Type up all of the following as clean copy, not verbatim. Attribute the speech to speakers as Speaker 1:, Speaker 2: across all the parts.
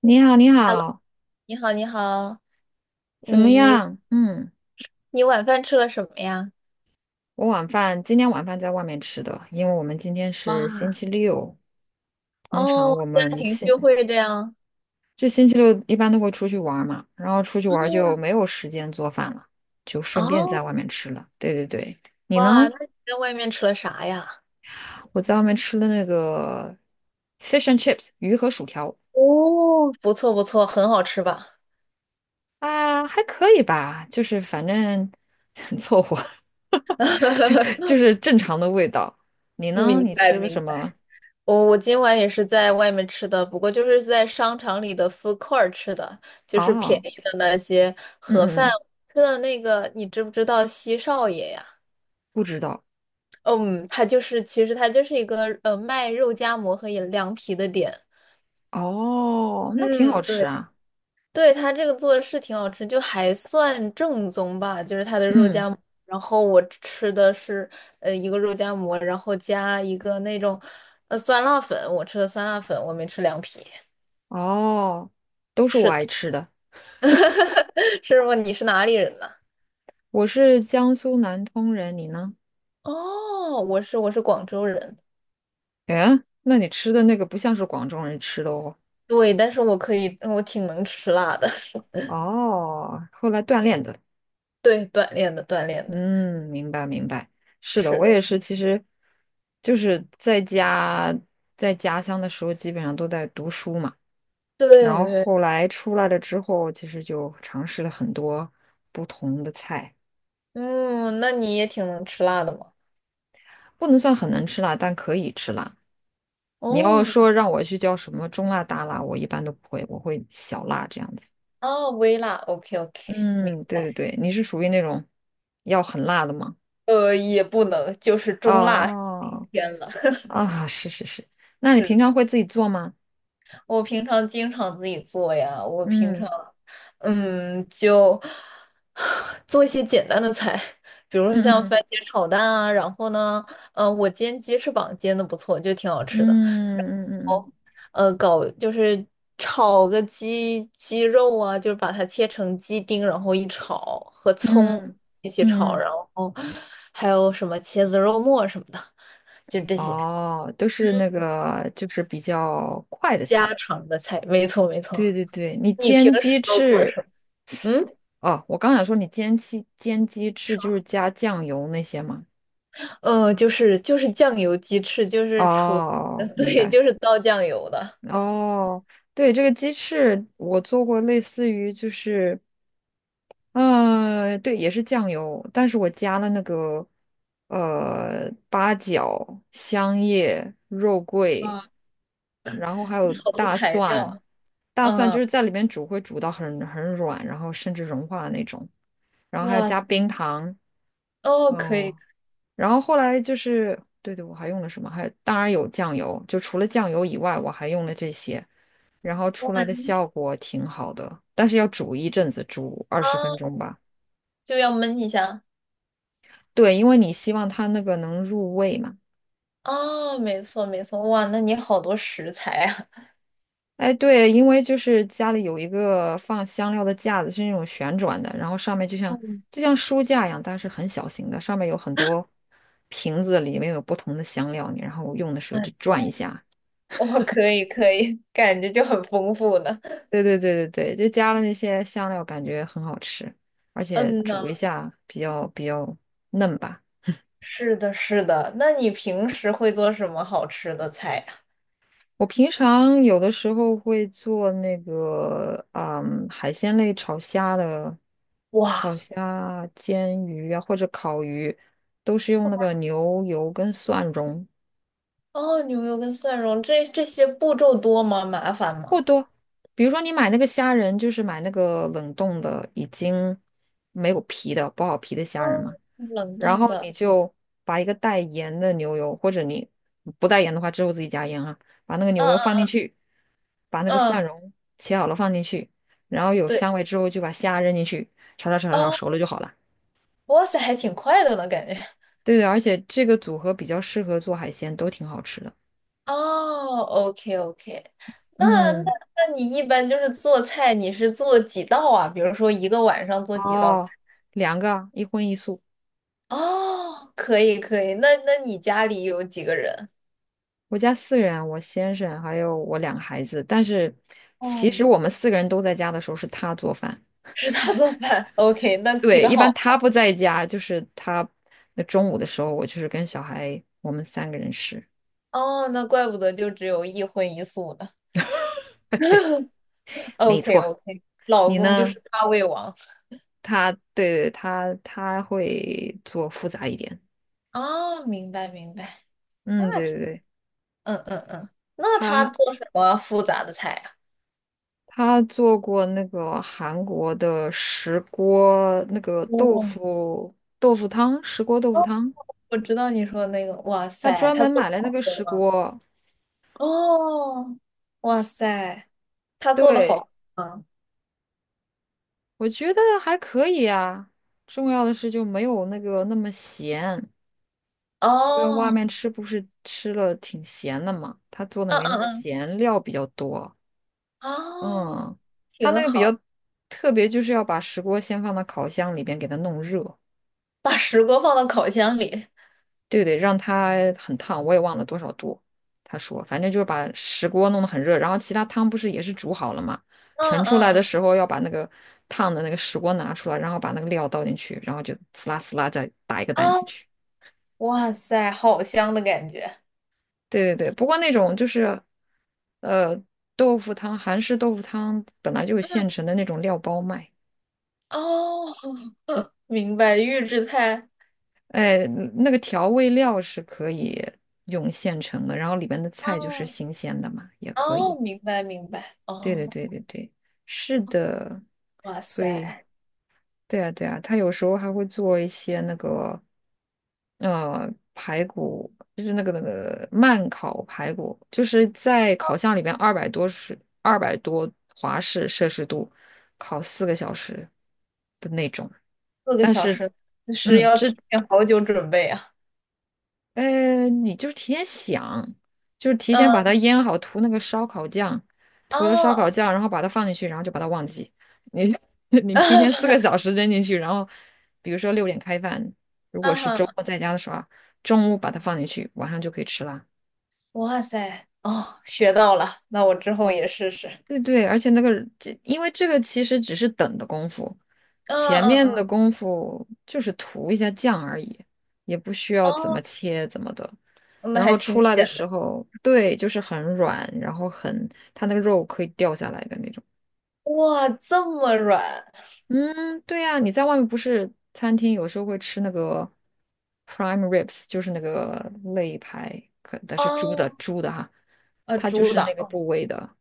Speaker 1: 你好，你
Speaker 2: Hello，
Speaker 1: 好，
Speaker 2: 你好，你好，
Speaker 1: 怎么
Speaker 2: 你
Speaker 1: 样？嗯，
Speaker 2: 你晚饭吃了什么呀？
Speaker 1: 我晚饭今天晚饭在外面吃的，因为我们今天是星
Speaker 2: 哇，
Speaker 1: 期六，通常
Speaker 2: 哦，
Speaker 1: 我
Speaker 2: 家
Speaker 1: 们
Speaker 2: 庭
Speaker 1: 星
Speaker 2: 聚会这样。
Speaker 1: 就星期六一般都会出去玩儿嘛，然后出去玩儿就
Speaker 2: 嗯，
Speaker 1: 没有时间做饭了，就顺便在外
Speaker 2: 哦，
Speaker 1: 面吃了。对对对，你呢？
Speaker 2: 哇，那你在外面吃了啥呀？
Speaker 1: 我在外面吃了那个 fish and chips 鱼和薯条
Speaker 2: 哦，不错不错，很好吃吧？
Speaker 1: 啊，还可以吧，就是反正 凑合，就就是正常的味道。你呢？
Speaker 2: 明
Speaker 1: 你
Speaker 2: 白
Speaker 1: 吃了
Speaker 2: 明
Speaker 1: 什
Speaker 2: 白。
Speaker 1: 么？
Speaker 2: 我今晚也是在外面吃的，不过就是在商场里的 food court 吃的，就是便
Speaker 1: 哦，
Speaker 2: 宜的那些
Speaker 1: 嗯
Speaker 2: 盒
Speaker 1: 嗯
Speaker 2: 饭。
Speaker 1: 嗯，
Speaker 2: 吃的那个，你知不知道西少爷呀？
Speaker 1: 不知道。
Speaker 2: 嗯，他就是，其实他就是一个卖肉夹馍和饮凉皮的店。
Speaker 1: 哦，那挺好
Speaker 2: 嗯，
Speaker 1: 吃
Speaker 2: 对，
Speaker 1: 啊。
Speaker 2: 对，他这个做的是挺好吃，就还算正宗吧，就是他的
Speaker 1: 嗯
Speaker 2: 肉
Speaker 1: 嗯
Speaker 2: 夹馍。然后我吃的是一个肉夹馍，然后加一个那种酸辣粉，我吃的酸辣粉，我没吃凉皮。
Speaker 1: 哦，都是我
Speaker 2: 是
Speaker 1: 爱
Speaker 2: 的，
Speaker 1: 吃的。
Speaker 2: 师傅，你是哪里人呢？
Speaker 1: 我是江苏南通人，你呢？
Speaker 2: 哦，我是广州人，
Speaker 1: 哎，那你吃的那个不像是广州人吃的哦。
Speaker 2: 对，但是我可以，我挺能吃辣的，
Speaker 1: 哦，后来锻炼的。
Speaker 2: 对，锻炼的锻炼的，
Speaker 1: 嗯，明白明白。是的，
Speaker 2: 是
Speaker 1: 我
Speaker 2: 的，
Speaker 1: 也是。其实就是在家在家乡的时候，基本上都在读书嘛。然
Speaker 2: 对
Speaker 1: 后
Speaker 2: 对，
Speaker 1: 后来出来了之后，其实就尝试了很多不同的菜。
Speaker 2: 嗯，那你也挺能吃辣的嘛。
Speaker 1: 不能算很能吃辣，但可以吃辣。你要
Speaker 2: 哦，
Speaker 1: 说让我去叫什么中辣、大辣，我一般都不会，我会小辣这样子。
Speaker 2: 哦，微辣，OK OK，明
Speaker 1: 嗯，对对
Speaker 2: 白。
Speaker 1: 对，你是属于那种要很辣的吗？
Speaker 2: 也不能，就是中辣顶
Speaker 1: 哦
Speaker 2: 天了。
Speaker 1: 啊，是是是。那你
Speaker 2: 是
Speaker 1: 平
Speaker 2: 的，
Speaker 1: 常会自己做吗？
Speaker 2: 我平常经常自己做呀，我平常，
Speaker 1: 嗯
Speaker 2: 嗯，就 做一些简单的菜，比如说像
Speaker 1: 嗯
Speaker 2: 番茄炒蛋啊，然后呢，我煎鸡翅膀煎的不错，就挺好吃的。
Speaker 1: 嗯嗯嗯
Speaker 2: 搞就是炒个鸡肉啊，就是把它切成鸡丁，然后一炒，和葱
Speaker 1: 嗯
Speaker 2: 一起
Speaker 1: 嗯
Speaker 2: 炒，
Speaker 1: 嗯。
Speaker 2: 然后还有什么茄子肉末什么的，就这些。
Speaker 1: 哦，都是那
Speaker 2: 嗯，
Speaker 1: 个就是比较快的菜。
Speaker 2: 家常的菜，没错没
Speaker 1: 对
Speaker 2: 错。
Speaker 1: 对对，你
Speaker 2: 你平
Speaker 1: 煎
Speaker 2: 时
Speaker 1: 鸡
Speaker 2: 都做
Speaker 1: 翅
Speaker 2: 什么？嗯，
Speaker 1: 哦，我刚想说你煎鸡翅就是加酱油那些吗？
Speaker 2: 就是酱油鸡翅，就是除，
Speaker 1: 哦，明
Speaker 2: 对，
Speaker 1: 白。
Speaker 2: 就是倒酱油的。
Speaker 1: 哦，对，这个鸡翅我做过，类似于就是，嗯、对，也是酱油，但是我加了那个呃八角、香叶、肉桂，
Speaker 2: 啊，
Speaker 1: 然后还有
Speaker 2: 好多
Speaker 1: 大
Speaker 2: 材
Speaker 1: 蒜，
Speaker 2: 料。
Speaker 1: 大蒜就
Speaker 2: 嗯，
Speaker 1: 是在里面煮会煮到很软，然后甚至融化的那种，然后还要
Speaker 2: 哇
Speaker 1: 加
Speaker 2: 塞
Speaker 1: 冰糖。
Speaker 2: 哦，可以，
Speaker 1: 哦，然后后来就是，对对，我还用了什么？还当然有酱油，就除了酱油以外，我还用了这些，然后
Speaker 2: 哇，
Speaker 1: 出来的
Speaker 2: 你
Speaker 1: 效果挺好的，但是要煮一阵子，煮二十分
Speaker 2: 啊，
Speaker 1: 钟吧。
Speaker 2: 就要焖一下。
Speaker 1: 对，因为你希望它那个能入味嘛。
Speaker 2: 哦，没错没错，哇，那你好多食材啊！
Speaker 1: 哎，对，因为就是家里有一个放香料的架子，是那种旋转的，然后上面就像
Speaker 2: 嗯，
Speaker 1: 就像书架一样，但是很小型的，上面有很多瓶子，里面有不同的香料，你然后用的 时候
Speaker 2: 哎
Speaker 1: 就转一下，
Speaker 2: 哇，我可以可以，感觉就很丰富呢。
Speaker 1: 对对对对对，就加了那些香料，感觉很好吃，而且
Speaker 2: 嗯
Speaker 1: 煮一
Speaker 2: 呐，
Speaker 1: 下比较嫩吧。
Speaker 2: 是的，是的。那你平时会做什么好吃的菜呀？
Speaker 1: 我平常有的时候会做那个，嗯，海鲜类炒虾的，炒
Speaker 2: 哇，
Speaker 1: 虾、煎鱼啊，或者烤鱼，都是用那个牛油跟蒜蓉。
Speaker 2: 哦，牛油跟蒜蓉，这些步骤多吗？麻烦吗？
Speaker 1: 比如说你买那个虾仁，就是买那个冷冻的，已经没有皮的、剥好皮的虾仁
Speaker 2: 哦，
Speaker 1: 嘛。
Speaker 2: 冷
Speaker 1: 然
Speaker 2: 冻
Speaker 1: 后
Speaker 2: 的，
Speaker 1: 你就把一个带盐的牛油，或者你不带盐的话，之后自己加盐啊，把那个牛油放
Speaker 2: 嗯
Speaker 1: 进去，把那个
Speaker 2: 嗯
Speaker 1: 蒜
Speaker 2: 嗯，
Speaker 1: 蓉切好了放进去，然后有
Speaker 2: 对，
Speaker 1: 香味之后就把虾扔进去，炒炒炒炒炒
Speaker 2: 哦，
Speaker 1: 熟了就好了。
Speaker 2: 哇塞，还挺快的呢，感觉。
Speaker 1: 对对，而且这个组合比较适合做海鲜，都挺好吃的。
Speaker 2: 哦，OK OK，那
Speaker 1: 嗯，
Speaker 2: 那你一般就是做菜，你是做几道啊？比如说一个晚上做几道菜？
Speaker 1: 哦，两个，一荤一素。
Speaker 2: 哦，可以可以，那你家里有几个人？
Speaker 1: 我家四个人，我先生还有我两个孩子，但是其
Speaker 2: 哦，
Speaker 1: 实我们四个人都在家的时候是他做饭。
Speaker 2: 是他做饭，OK，那
Speaker 1: 对，
Speaker 2: 挺
Speaker 1: 一般
Speaker 2: 好。
Speaker 1: 他不在家，就是他那中午的时候，我就是跟小孩，我们三个人吃。
Speaker 2: 哦，那怪不得就只有一荤一素呢。
Speaker 1: 对，没
Speaker 2: OK
Speaker 1: 错。
Speaker 2: OK，老
Speaker 1: 你
Speaker 2: 公就
Speaker 1: 呢？
Speaker 2: 是大胃王。
Speaker 1: 他对他他会做复杂一点。
Speaker 2: 哦，明白明白，
Speaker 1: 嗯，
Speaker 2: 那
Speaker 1: 对
Speaker 2: 挺，
Speaker 1: 对对，
Speaker 2: 嗯嗯嗯，那他
Speaker 1: 他
Speaker 2: 做什么复杂的菜啊？
Speaker 1: 他做过那个韩国的石锅那个豆
Speaker 2: 哦
Speaker 1: 腐豆腐汤，石锅豆腐汤，
Speaker 2: 我知道你说的那个，哇
Speaker 1: 他
Speaker 2: 塞，
Speaker 1: 专
Speaker 2: 他
Speaker 1: 门
Speaker 2: 做的
Speaker 1: 买了那
Speaker 2: 好
Speaker 1: 个
Speaker 2: 喝
Speaker 1: 石
Speaker 2: 吗？
Speaker 1: 锅。
Speaker 2: 哦，哇塞，他做的
Speaker 1: 对，
Speaker 2: 好喝吗？
Speaker 1: 我觉得还可以啊。重要的是就没有那个那么咸。因为外
Speaker 2: 哦，
Speaker 1: 面吃不是吃了挺咸的嘛，他做的
Speaker 2: 嗯
Speaker 1: 没那
Speaker 2: 嗯
Speaker 1: 么
Speaker 2: 嗯，
Speaker 1: 咸，料比较多。
Speaker 2: 哦，
Speaker 1: 嗯，他那
Speaker 2: 挺
Speaker 1: 个比
Speaker 2: 好，
Speaker 1: 较特别，就是要把石锅先放到烤箱里边给它弄热，
Speaker 2: 把石锅放到烤箱里，
Speaker 1: 对对，让它很烫，我也忘了多少度。他说，反正就是把石锅弄得很热，然后其他汤不是也是煮好了嘛，
Speaker 2: 嗯
Speaker 1: 盛出来的
Speaker 2: 嗯
Speaker 1: 时候要把那个烫的那个石锅拿出来，然后把那个料倒进去，然后就呲啦呲啦再打一个蛋
Speaker 2: 嗯，
Speaker 1: 进
Speaker 2: 哦，
Speaker 1: 去。
Speaker 2: 哇塞，好香的感觉，
Speaker 1: 对对对，不过那种就是，呃，豆腐汤，韩式豆腐汤本来就是
Speaker 2: 嗯，
Speaker 1: 现成的那种料包卖，
Speaker 2: 哦，明白，预制菜，
Speaker 1: 哎，那个调味料是可以用现成的，然后里面的菜就是
Speaker 2: 哦
Speaker 1: 新鲜的嘛，也可以。
Speaker 2: 哦，明白明白，
Speaker 1: 对对
Speaker 2: 哦，
Speaker 1: 对对对，是的，
Speaker 2: 哇
Speaker 1: 所以
Speaker 2: 塞，
Speaker 1: 对啊，对啊，他有时候还会做一些那个，呃，排骨，就是那个慢烤排骨，就是在烤箱里边二百多是200多华氏摄氏度烤四个小时的那种。
Speaker 2: 四个小时，是
Speaker 1: 嗯，
Speaker 2: 要提
Speaker 1: 这。
Speaker 2: 前好久准备啊，
Speaker 1: 呃，你就是提前想，就是提前把它
Speaker 2: 嗯，
Speaker 1: 腌好，涂那个烧烤酱，涂了烧烤
Speaker 2: 哦，
Speaker 1: 酱，然后把它放进去，然后就把它忘记。你 你提前四个 小时扔进去，然后比如说6点开饭，如果
Speaker 2: 啊
Speaker 1: 是周
Speaker 2: 哈。
Speaker 1: 末在家的时候啊，中午把它放进去，晚上就可以吃啦。
Speaker 2: 哇塞，哦，学到了，那我之后也试试。
Speaker 1: 对对，而且那个这，因为这个其实只是等的功夫，
Speaker 2: 嗯
Speaker 1: 前
Speaker 2: 嗯
Speaker 1: 面
Speaker 2: 嗯，
Speaker 1: 的功夫就是涂一下酱而已，也不需要怎么
Speaker 2: 哦，
Speaker 1: 切怎么的。
Speaker 2: 那
Speaker 1: 然
Speaker 2: 还
Speaker 1: 后
Speaker 2: 挺
Speaker 1: 出来的
Speaker 2: 简
Speaker 1: 时
Speaker 2: 单。
Speaker 1: 候，对，就是很软，然后很，它那个肉可以掉下来的那种。
Speaker 2: 哇，这么软
Speaker 1: 嗯，对呀，你在外面不是餐厅有时候会吃那个 prime ribs,就是那个肋排，可但是猪的
Speaker 2: 哦，
Speaker 1: 猪的哈，它就
Speaker 2: 猪
Speaker 1: 是那个
Speaker 2: 掌
Speaker 1: 部位的。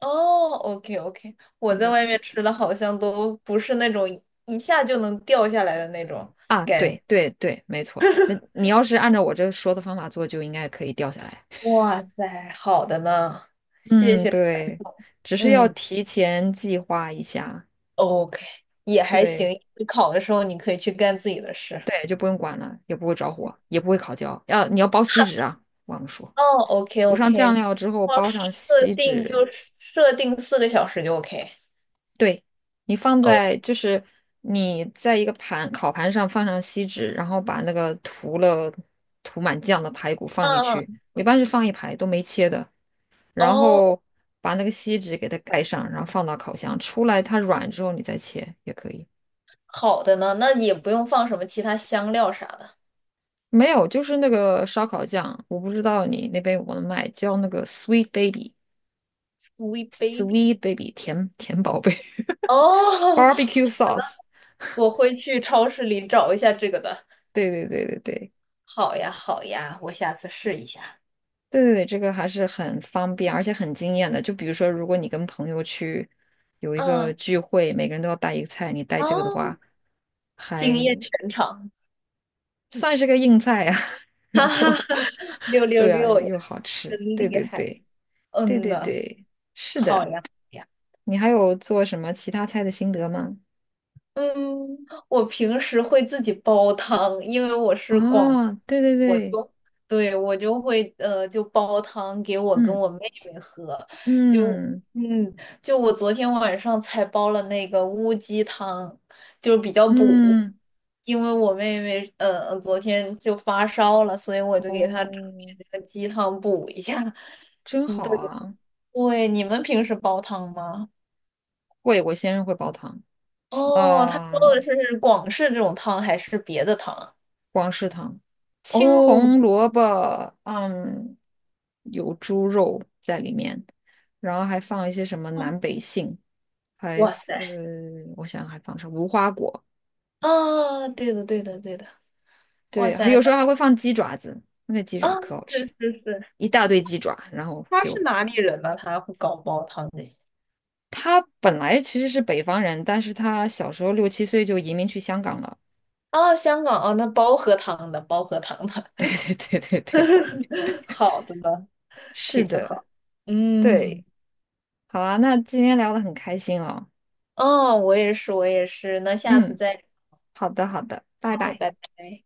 Speaker 2: 哦，OK OK，我在外面吃的好像都不是那种一下就能掉下来的那种
Speaker 1: 啊，
Speaker 2: 感觉
Speaker 1: 对对对，没错。那你要是按照我这说的方法做，就应该可以掉下来。
Speaker 2: 哇塞，好的呢，谢
Speaker 1: 嗯，
Speaker 2: 谢传
Speaker 1: 对，
Speaker 2: 授。
Speaker 1: 只是要
Speaker 2: 嗯
Speaker 1: 提前计划一下。
Speaker 2: ，OK，也还行。
Speaker 1: 对
Speaker 2: 你考的时候你可以去干自己的事。
Speaker 1: 对，就不用管了，也不会着火，也不会烤焦。要你要包锡纸啊，忘了说，
Speaker 2: 哦，OK
Speaker 1: 涂上
Speaker 2: OK，
Speaker 1: 酱料之后
Speaker 2: 我
Speaker 1: 包上锡纸。
Speaker 2: 设定四个小时就 OK。
Speaker 1: 对，你放
Speaker 2: 哦，
Speaker 1: 在就是你在一个盘烤盘上放上锡纸，然后把那个涂满酱的排骨放进
Speaker 2: 嗯
Speaker 1: 去。
Speaker 2: 嗯
Speaker 1: 我一般是放一排都没切的，然
Speaker 2: 哦，
Speaker 1: 后把那个锡纸给它盖上，然后放到烤箱，出来它软之后你再切也可以。
Speaker 2: 好的呢，那也不用放什么其他香料啥的。
Speaker 1: 没有，就是那个烧烤酱，我不知道你那边有没有卖，叫那个 Sweet
Speaker 2: w e baby。
Speaker 1: Baby，Sweet Baby 甜甜宝贝
Speaker 2: 哦，
Speaker 1: ，Barbecue Sauce。
Speaker 2: 我会去超市里找一下这个的。
Speaker 1: 对对对对对对
Speaker 2: 好呀，好呀，我下次试一下。
Speaker 1: 对对，这个还是很方便，而且很惊艳的。就比如说，如果你跟朋友去有一个
Speaker 2: 嗯，
Speaker 1: 聚会，每个人都要带一个菜，你带这个的
Speaker 2: 哦，
Speaker 1: 话，还
Speaker 2: 惊艳全场，
Speaker 1: 算是个硬菜呀、然
Speaker 2: 哈哈
Speaker 1: 后，
Speaker 2: 哈，六六
Speaker 1: 对啊，
Speaker 2: 六呀，
Speaker 1: 又好吃，
Speaker 2: 真
Speaker 1: 对
Speaker 2: 厉
Speaker 1: 对
Speaker 2: 害。
Speaker 1: 对，对
Speaker 2: 嗯
Speaker 1: 对
Speaker 2: 呐，
Speaker 1: 对，是
Speaker 2: 好
Speaker 1: 的。
Speaker 2: 呀，好呀。
Speaker 1: 你还有做什么其他菜的心得吗？
Speaker 2: 嗯，我平时会自己煲汤，因为我是广
Speaker 1: 哦，对对
Speaker 2: 我
Speaker 1: 对，
Speaker 2: 就对我就会呃，就煲汤给我跟
Speaker 1: 嗯
Speaker 2: 我妹妹喝，就
Speaker 1: 嗯
Speaker 2: 嗯，就我昨天晚上才煲了那个乌鸡汤，就是比较补，
Speaker 1: 嗯，
Speaker 2: 因为我妹妹昨天就发烧了，所以我就给她整
Speaker 1: 哦，
Speaker 2: 点这个鸡汤补一下。
Speaker 1: 真
Speaker 2: 嗯，
Speaker 1: 好
Speaker 2: 对
Speaker 1: 啊！
Speaker 2: 对，你们平时煲汤吗？
Speaker 1: 会，我先生会煲汤。
Speaker 2: 哦，他煲
Speaker 1: 啊。
Speaker 2: 的是广式这种汤还是别的汤啊
Speaker 1: 广式汤，青
Speaker 2: 哦，
Speaker 1: 红萝卜，嗯，有猪肉在里面，然后还放一些什么南北杏，还
Speaker 2: 哇塞！
Speaker 1: 呃，我想还放上无花果，
Speaker 2: 啊，对的，对的，对的。哇
Speaker 1: 对，还
Speaker 2: 塞，
Speaker 1: 有时候还
Speaker 2: 那
Speaker 1: 会放鸡爪子，那个鸡
Speaker 2: 啊，
Speaker 1: 爪可好吃，
Speaker 2: 是是是，
Speaker 1: 一大堆鸡爪，然后
Speaker 2: 他
Speaker 1: 就
Speaker 2: 是哪里人呢？他会搞煲汤这些。
Speaker 1: 他本来其实是北方人，但是他小时候6、7岁就移民去香港了，
Speaker 2: 哦，香港哦，那煲喝汤的，煲喝汤的，
Speaker 1: 对对对对对，
Speaker 2: 好的呢，
Speaker 1: 是
Speaker 2: 挺
Speaker 1: 的，
Speaker 2: 好。嗯，
Speaker 1: 对，好啊，那今天聊的很开心哦，
Speaker 2: 哦，我也是，我也是，那下次
Speaker 1: 嗯。
Speaker 2: 再
Speaker 1: 好的，好的，拜
Speaker 2: 聊，
Speaker 1: 拜。
Speaker 2: 拜拜。